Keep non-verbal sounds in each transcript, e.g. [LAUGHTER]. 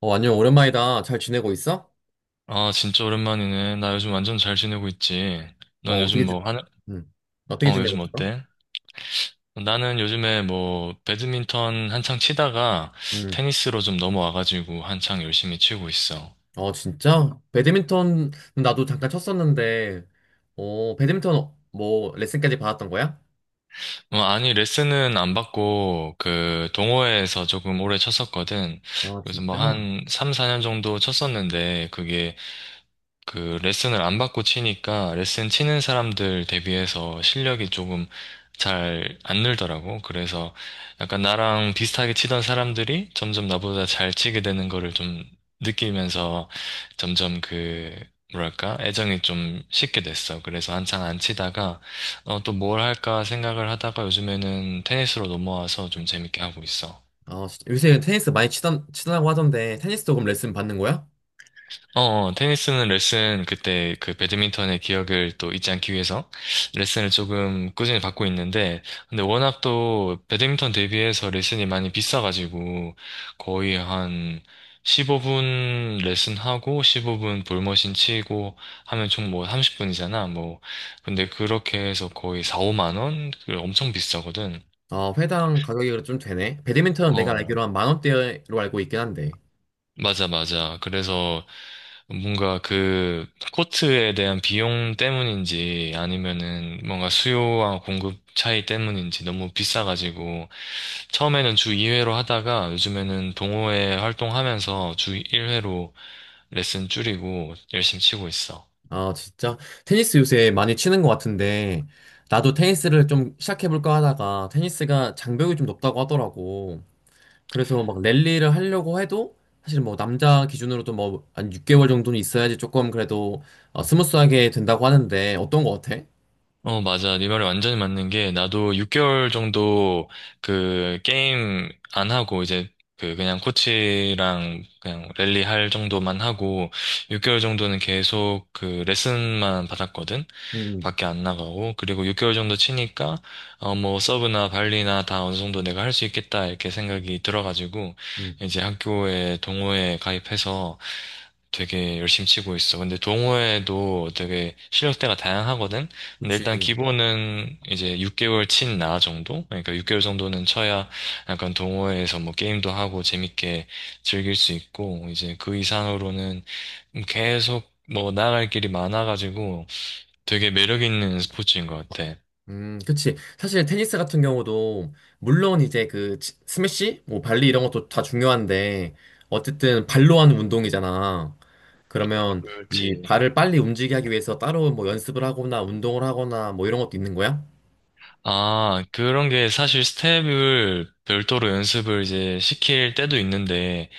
안녕, 오랜만이다. 잘 지내고 있어? 아, 진짜 오랜만이네. 나 요즘 완전 잘 지내고 있지. 넌 어, 어떻게 요즘 지, 뭐 하는, 음, 어떻게 어, 지내고 요즘 있어? 어때? 나는 요즘에 뭐, 배드민턴 한창 치다가 음, 테니스로 좀 넘어와가지고 한창 열심히 치고 있어. 진짜? 배드민턴, 나도 잠깐 쳤었는데, 배드민턴, 뭐, 레슨까지 받았던 거야? 뭐, 아니, 레슨은 안 받고, 그, 동호회에서 조금 오래 쳤었거든. 아, 그래서 뭐 진짜? 한 3, 4년 정도 쳤었는데, 그게 그 레슨을 안 받고 치니까 레슨 치는 사람들 대비해서 실력이 조금 잘 안 늘더라고. 그래서 약간 나랑 비슷하게 치던 사람들이 점점 나보다 잘 치게 되는 거를 좀 느끼면서 점점 그 뭐랄까 애정이 좀 식게 됐어. 그래서 한창 안 치다가 어, 또 뭘 할까 생각을 하다가 요즘에는 테니스로 넘어와서 좀 재밌게 하고 있어. 아, 진짜. 요새 테니스 많이 치더라고 하던데, 테니스도 그럼 레슨 받는 거야? 어, 어, 테니스는 레슨, 그때 그 배드민턴의 기억을 또 잊지 않기 위해서 레슨을 조금 꾸준히 받고 있는데, 근데 워낙 또 배드민턴 대비해서 레슨이 많이 비싸가지고, 거의 한 15분 레슨하고, 15분 볼머신 치고 하면 총 뭐 30분이잖아, 뭐. 근데 그렇게 해서 거의 4, 5만 원? 그 엄청 비싸거든. 아, 회당 가격이 좀 되네. 배드민턴은 내가 알기로 어. 한 만 원대로 알고 있긴 한데. 맞아, 맞아. 그래서 뭔가 그 코트에 대한 비용 때문인지 아니면은 뭔가 수요와 공급 차이 때문인지 너무 비싸가지고 처음에는 주 2회로 하다가 요즘에는 동호회 활동하면서 주 1회로 레슨 줄이고 열심히 치고 있어. 아, 진짜? 테니스 요새 많이 치는 것 같은데, 나도 테니스를 좀 시작해볼까 하다가, 테니스가 장벽이 좀 높다고 하더라고. 그래서 막 랠리를 하려고 해도, 사실 뭐 남자 기준으로도 뭐 한 6개월 정도는 있어야지 조금 그래도 스무스하게 된다고 하는데, 어떤 거 같아? 어, 맞아. 네 말이 완전히 맞는 게, 나도 6개월 정도 그 게임 안 하고, 이제 그 그냥 코치랑 그냥 랠리 할 정도만 하고, 6개월 정도는 계속 그 레슨만 받았거든? 음, 밖에 안 나가고 그리고 6개월 정도 치니까 어 뭐 서브나 발리나 다 어느 정도 내가 할 수 있겠다 이렇게 생각이 들어가지고 음, 이제 학교에 동호회에 가입해서 되게 열심히 치고 있어. 근데 동호회도 되게 실력대가 다양하거든. 근데 일단 그치. 기본은 이제 6개월 친 나 정도? 그러니까 6개월 정도는 쳐야 약간 동호회에서 뭐 게임도 하고 재밌게 즐길 수 있고 이제 그 이상으로는 계속 뭐 나아갈 길이 많아가지고 되게 매력 있는 스포츠인 것 같아. 그치. 사실 테니스 같은 경우도, 물론 이제 그 스매시? 뭐 발리 이런 것도 다 중요한데, 어쨌든 발로 하는 운동이잖아. 그러면 이 그렇지. 발을 빨리 움직이게 하기 위해서 따로 뭐 연습을 하거나 운동을 하거나 뭐 이런 것도 있는 거야? 아, 그런 게 사실 스텝을 별도로 연습을 이제 시킬 때도 있는데,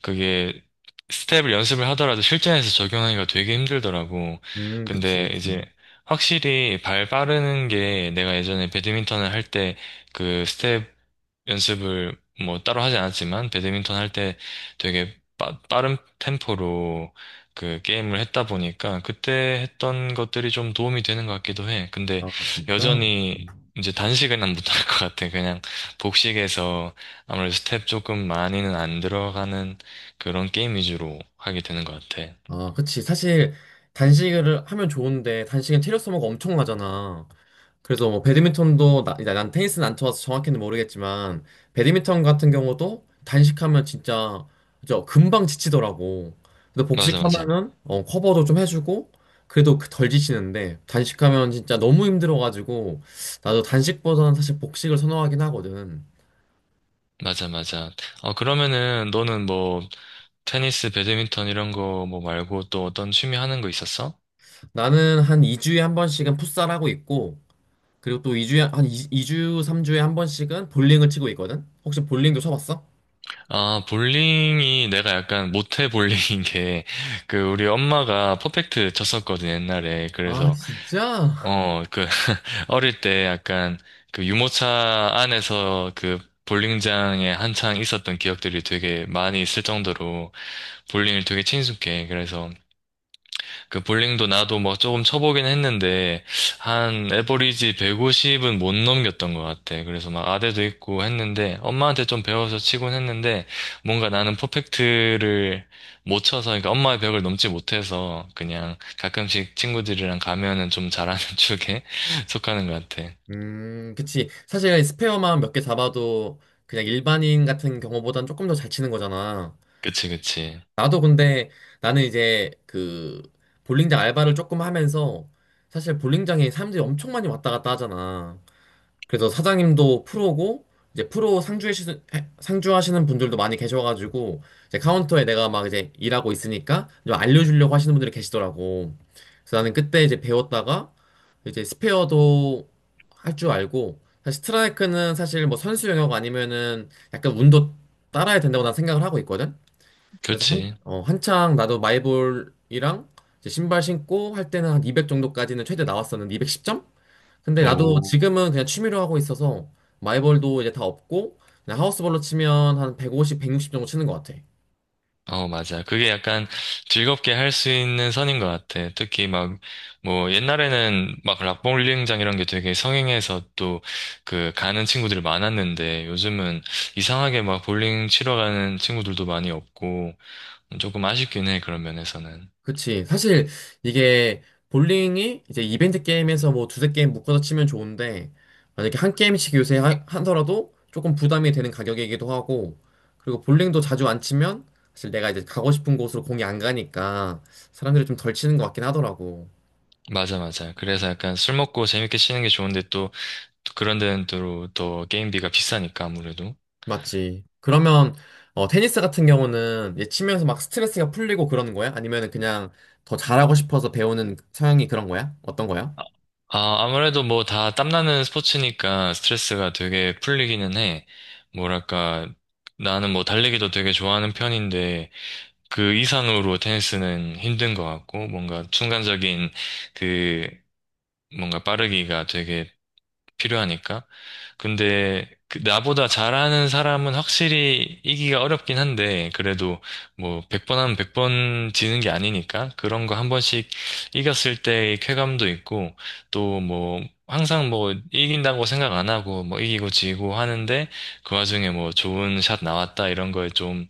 그게 스텝을 연습을 하더라도 실전에서 적용하기가 되게 힘들더라고. 그치, 근데 그치. 이제 확실히 발 빠르는 게 내가 예전에 배드민턴을 할 때 그 스텝 연습을 뭐 따로 하지 않았지만 배드민턴 할 때 되게 빠른 템포로 그 게임을 했다 보니까 그때 했던 것들이 좀 도움이 되는 것 같기도 해. 근데 아, 진짜? 여전히 음. 이제 단식은 못할 것 같아. 그냥 복식에서 아무래도 스텝 조금 많이는 안 들어가는 그런 게임 위주로 하게 되는 것 같아. 아, 그치. 사실 단식을 하면 좋은데 단식은 체력 소모가 엄청나잖아. 그래서 뭐 배드민턴도 난 테니스는 안 쳐서 정확히는 모르겠지만 배드민턴 같은 경우도 단식하면 진짜 저 금방 지치더라고. 근데 맞아, 맞아. 복식하면은 커버도 좀 해주고 그래도 그덜 지치는데 단식하면 진짜 너무 힘들어가지고 나도 단식보다는 사실 복식을 선호하긴 하거든. 맞아, 맞아. 어, 그러면은 너는 뭐 테니스, 배드민턴 이런 거 뭐 말고 또 어떤 취미 하는 거 있었어? 나는 한 2주에 한 번씩은 풋살하고 있고 그리고 또 2주에 한 2, 주 3주에 한 번씩은 볼링을 치고 있거든. 혹시 볼링도 쳐봤어? 아, 볼링이 내가 약간 못해 볼링인 게, 그, 우리 엄마가 퍼펙트 쳤었거든, 옛날에. 아, 그래서, 진짜? 어, 그, [LAUGHS] 어릴 때 약간, 그 유모차 안에서 그 볼링장에 한창 있었던 기억들이 되게 많이 있을 정도로 볼링을 되게 친숙해. 그래서, 그 볼링도 나도 뭐 조금 쳐보긴 했는데 한 에버리지 150은 못 넘겼던 것 같아. 그래서 막 아대도 있고 했는데 엄마한테 좀 배워서 치곤 했는데 뭔가 나는 퍼펙트를 못 쳐서 그러니까 엄마의 벽을 넘지 못해서 그냥 가끔씩 친구들이랑 가면은 좀 잘하는 [LAUGHS] 쪽에 속하는 것 같아. 그치. 사실 스페어만 몇 개 잡아도 그냥 일반인 같은 경우보단 조금 더 잘 치는 거잖아. 그치 그치. 나도 근데 나는 이제 그 볼링장 알바를 조금 하면서 사실 볼링장에 사람들이 엄청 많이 왔다 갔다 하잖아. 그래서 사장님도 프로고 이제 프로 상주하시는 분들도 많이 계셔가지고 이제 카운터에 내가 막 이제 일하고 있으니까 좀 알려주려고 하시는 분들이 계시더라고. 그래서 나는 그때 이제 배웠다가 이제 스페어도 할 줄 알고 사실 스트라이크는 사실 뭐 선수 영역 아니면은 약간 운도 따라야 된다고 난 생각을 하고 있거든. 그래서 그치. 한창 나도 마이볼이랑 이제 신발 신고 할 때는 한 200 정도까지는 최대 나왔었는데 210점? 근데 나도 오. 지금은 그냥 취미로 하고 있어서 마이벌도 이제 다 없고 그냥 하우스볼로 치면 한 150, 160 정도 치는 것 같아. 어, 맞아. 그게 약간 즐겁게 할 수 있는 선인 것 같아. 특히 막, 뭐, 옛날에는 막 락볼링장 이런 게 되게 성행해서 또 그 가는 친구들이 많았는데 요즘은 이상하게 막 볼링 치러 가는 친구들도 많이 없고 조금 아쉽긴 해, 그런 면에서는. 그치. 사실 이게 볼링이 이제 이벤트 게임에서 뭐 두세 게임 묶어서 치면 좋은데 만약에 한 게임씩 요새 하더라도 조금 부담이 되는 가격이기도 하고 그리고 볼링도 자주 안 치면 사실 내가 이제 가고 싶은 곳으로 공이 안 가니까 사람들이 좀 덜 치는 것 같긴 하더라고. 맞아, 맞아. 그래서 약간 술 먹고 재밌게 치는 게 좋은데 또 그런 데는 또, 또 게임비가 비싸니까 아무래도. 맞지. 그러면 테니스 같은 경우는 이제 치면서 막 스트레스가 풀리고 그러는 거야? 아니면 그냥 더 잘하고 싶어서 배우는 성향이 그런 거야? 어떤 거야? 아, 아무래도 뭐 다 땀나는 스포츠니까 스트레스가 되게 풀리기는 해. 뭐랄까, 나는 뭐 달리기도 되게 좋아하는 편인데 그 이상으로 테니스는 힘든 것 같고 뭔가 순간적인 그 뭔가 빠르기가 되게 필요하니까 근데 그 나보다 잘하는 사람은 확실히 이기가 어렵긴 한데 그래도 뭐 100번 하면 100번 지는 게 아니니까 그런 거 한 번씩 이겼을 때의 쾌감도 있고 또 뭐 항상 뭐 이긴다고 생각 안 하고 뭐 이기고 지고 하는데 그 와중에 뭐 좋은 샷 나왔다 이런 거에 좀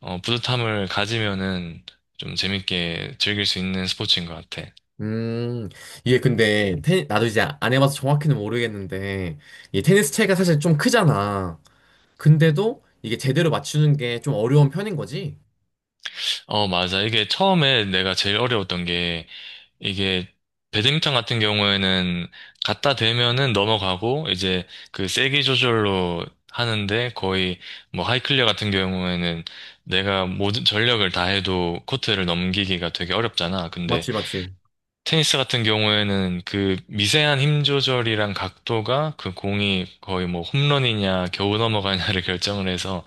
어, 뿌듯함을 가지면은 좀 재밌게 즐길 수 있는 스포츠인 것 같아. 음, 이게 근데 테 나도 이제 안 해봐서 정확히는 모르겠는데 이 테니스 채가 사실 좀 크잖아. 근데도 이게 제대로 맞추는 게 좀 어려운 편인 거지? 어, 맞아. 이게 처음에 내가 제일 어려웠던 게 이게 배드민턴 같은 경우에는 갖다 대면은 넘어가고 이제 그 세기 조절로 하는데 거의 뭐 하이클리어 같은 경우에는 내가 모든 전력을 다해도 코트를 넘기기가 되게 어렵잖아. 근데 맞지, 맞지. 테니스 같은 경우에는 그 미세한 힘 조절이랑 각도가 그 공이 거의 뭐 홈런이냐 겨우 넘어가냐를 [LAUGHS] 결정을 해서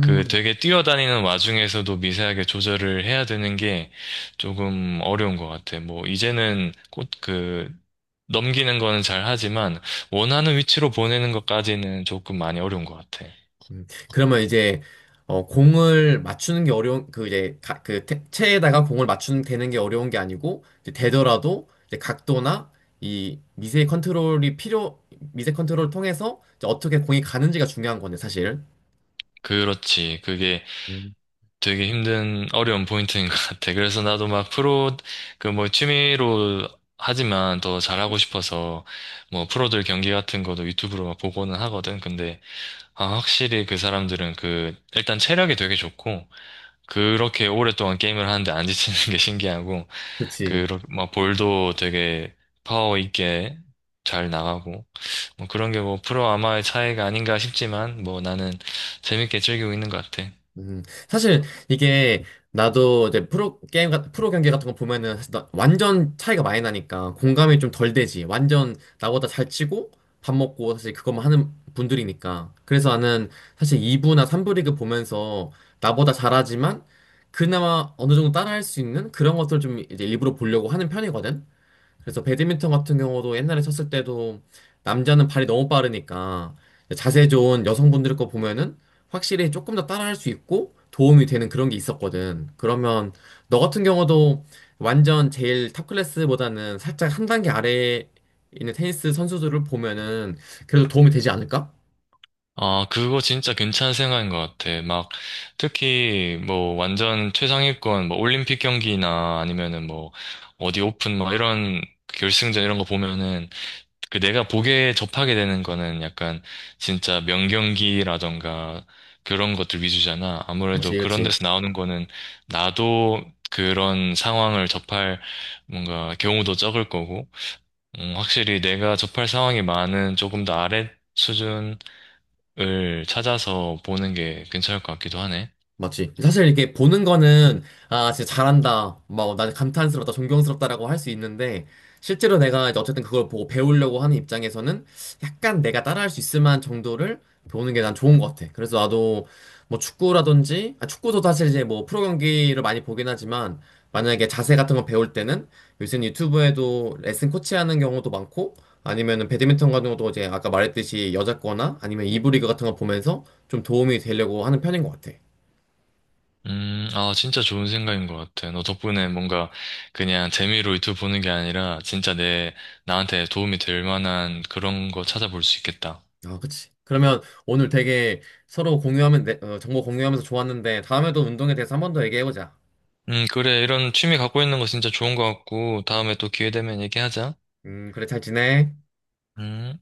그 되게 뛰어다니는 와중에서도 미세하게 조절을 해야 되는 게 조금 어려운 것 같아. 뭐 이제는 곧그 넘기는 거는 잘 하지만 원하는 위치로 보내는 것까지는 조금 많이 어려운 것 같아. 음, 그러면 이제 공을 맞추는 게 어려운 그 이제 그 체에다가 공을 맞추는 되는 게 어려운 게 아니고 이제 되더라도 이제 각도나 이 미세 컨트롤이 필요 미세 컨트롤을 통해서 이제 어떻게 공이 가는지가 중요한 거네 사실. 그렇지. 그게 음. 되게 힘든 어려운 포인트인 [LAUGHS] 것 같아. 그래서 나도 막 프로 그 뭐 취미로 하지만 더 잘하고 싶어서 뭐 프로들 경기 같은 것도 유튜브로 막 보고는 하거든. 근데 아, 확실히 그 사람들은 그 일단 체력이 되게 좋고 그렇게 오랫동안 게임을 하는데 안 지치는 게 [LAUGHS] 신기하고 그치. 그막 볼도 되게 파워 있게 잘 나가고 뭐 그런 게 뭐 프로 아마의 차이가 아닌가 싶지만 뭐 나는 재밌게 즐기고 있는 것 같아. 사실 이게 나도 이제 프로 경기 같은 거 보면은 사실 완전 차이가 많이 나니까 공감이 좀 덜 되지. 완전 나보다 잘 치고 밥 먹고 사실 그것만 하는 분들이니까. 그래서 나는 사실 2부나 3부 리그 보면서 나보다 잘하지만 그나마 어느 정도 따라할 수 있는 그런 것들 좀 이제 일부러 보려고 하는 편이거든. 그래서 배드민턴 같은 경우도 옛날에 쳤을 때도 남자는 발이 너무 빠르니까 자세 좋은 여성분들 거 보면은 확실히 조금 더 따라할 수 있고 도움이 되는 그런 게 있었거든. 그러면 너 같은 경우도 완전 제일 탑 클래스보다는 살짝 한 단계 아래에 있는 테니스 선수들을 보면은 그래도 도움이 되지 않을까? 아, 그거 진짜 괜찮은 생각인 것 같아. 막, 특히, 뭐, 완전 최상위권, 뭐, 올림픽 경기나 아니면은 뭐, 어디 오픈, 뭐, 이런 결승전 이런 거 보면은, 그 내가 보게 접하게 되는 거는 약간, 진짜 명경기라던가, 그런 것들 위주잖아. 그렇지, 아무래도 그런 그렇지. 데서 나오는 거는, 나도 그런 상황을 접할, 뭔가, 경우도 적을 거고, 확실히 내가 접할 상황이 많은 조금 더 아래 수준, 을 찾아서 보는 게 괜찮을 것 같기도 하네. 맞지. 사실 이렇게 보는 거는, 아, 진짜 잘한다. 막, 나 감탄스럽다, 존경스럽다라고 할 수 있는데, 실제로 내가 이제 어쨌든 그걸 보고 배우려고 하는 입장에서는 약간 내가 따라할 수 있을 만한 정도를 보는 게 난 좋은 것 같아. 그래서 나도 뭐 축구라든지, 아, 축구도 사실 이제 뭐 프로 경기를 많이 보긴 하지만, 만약에 자세 같은 거 배울 때는 요즘 유튜브에도 레슨 코치 하는 경우도 많고, 아니면은 배드민턴 같은 것도 이제 아까 말했듯이 여자 거나 아니면 2부 리그 같은 거 보면서 좀 도움이 되려고 하는 편인 것 같아. 아, 진짜 좋은 생각인 것 같아. 너 덕분에 뭔가 그냥 재미로 유튜브 보는 게 아니라 진짜 내, 나한테 도움이 될 만한 그런 거 찾아볼 수 있겠다. 아, 그치. 그러면 오늘 되게 서로 정보 공유하면서 좋았는데, 다음에도 운동에 대해서 한 번 더 얘기해보자. 그래. 이런 취미 갖고 있는 거 진짜 좋은 것 같고, 다음에 또 기회 되면 얘기하자. 그래, 잘 지내. 음.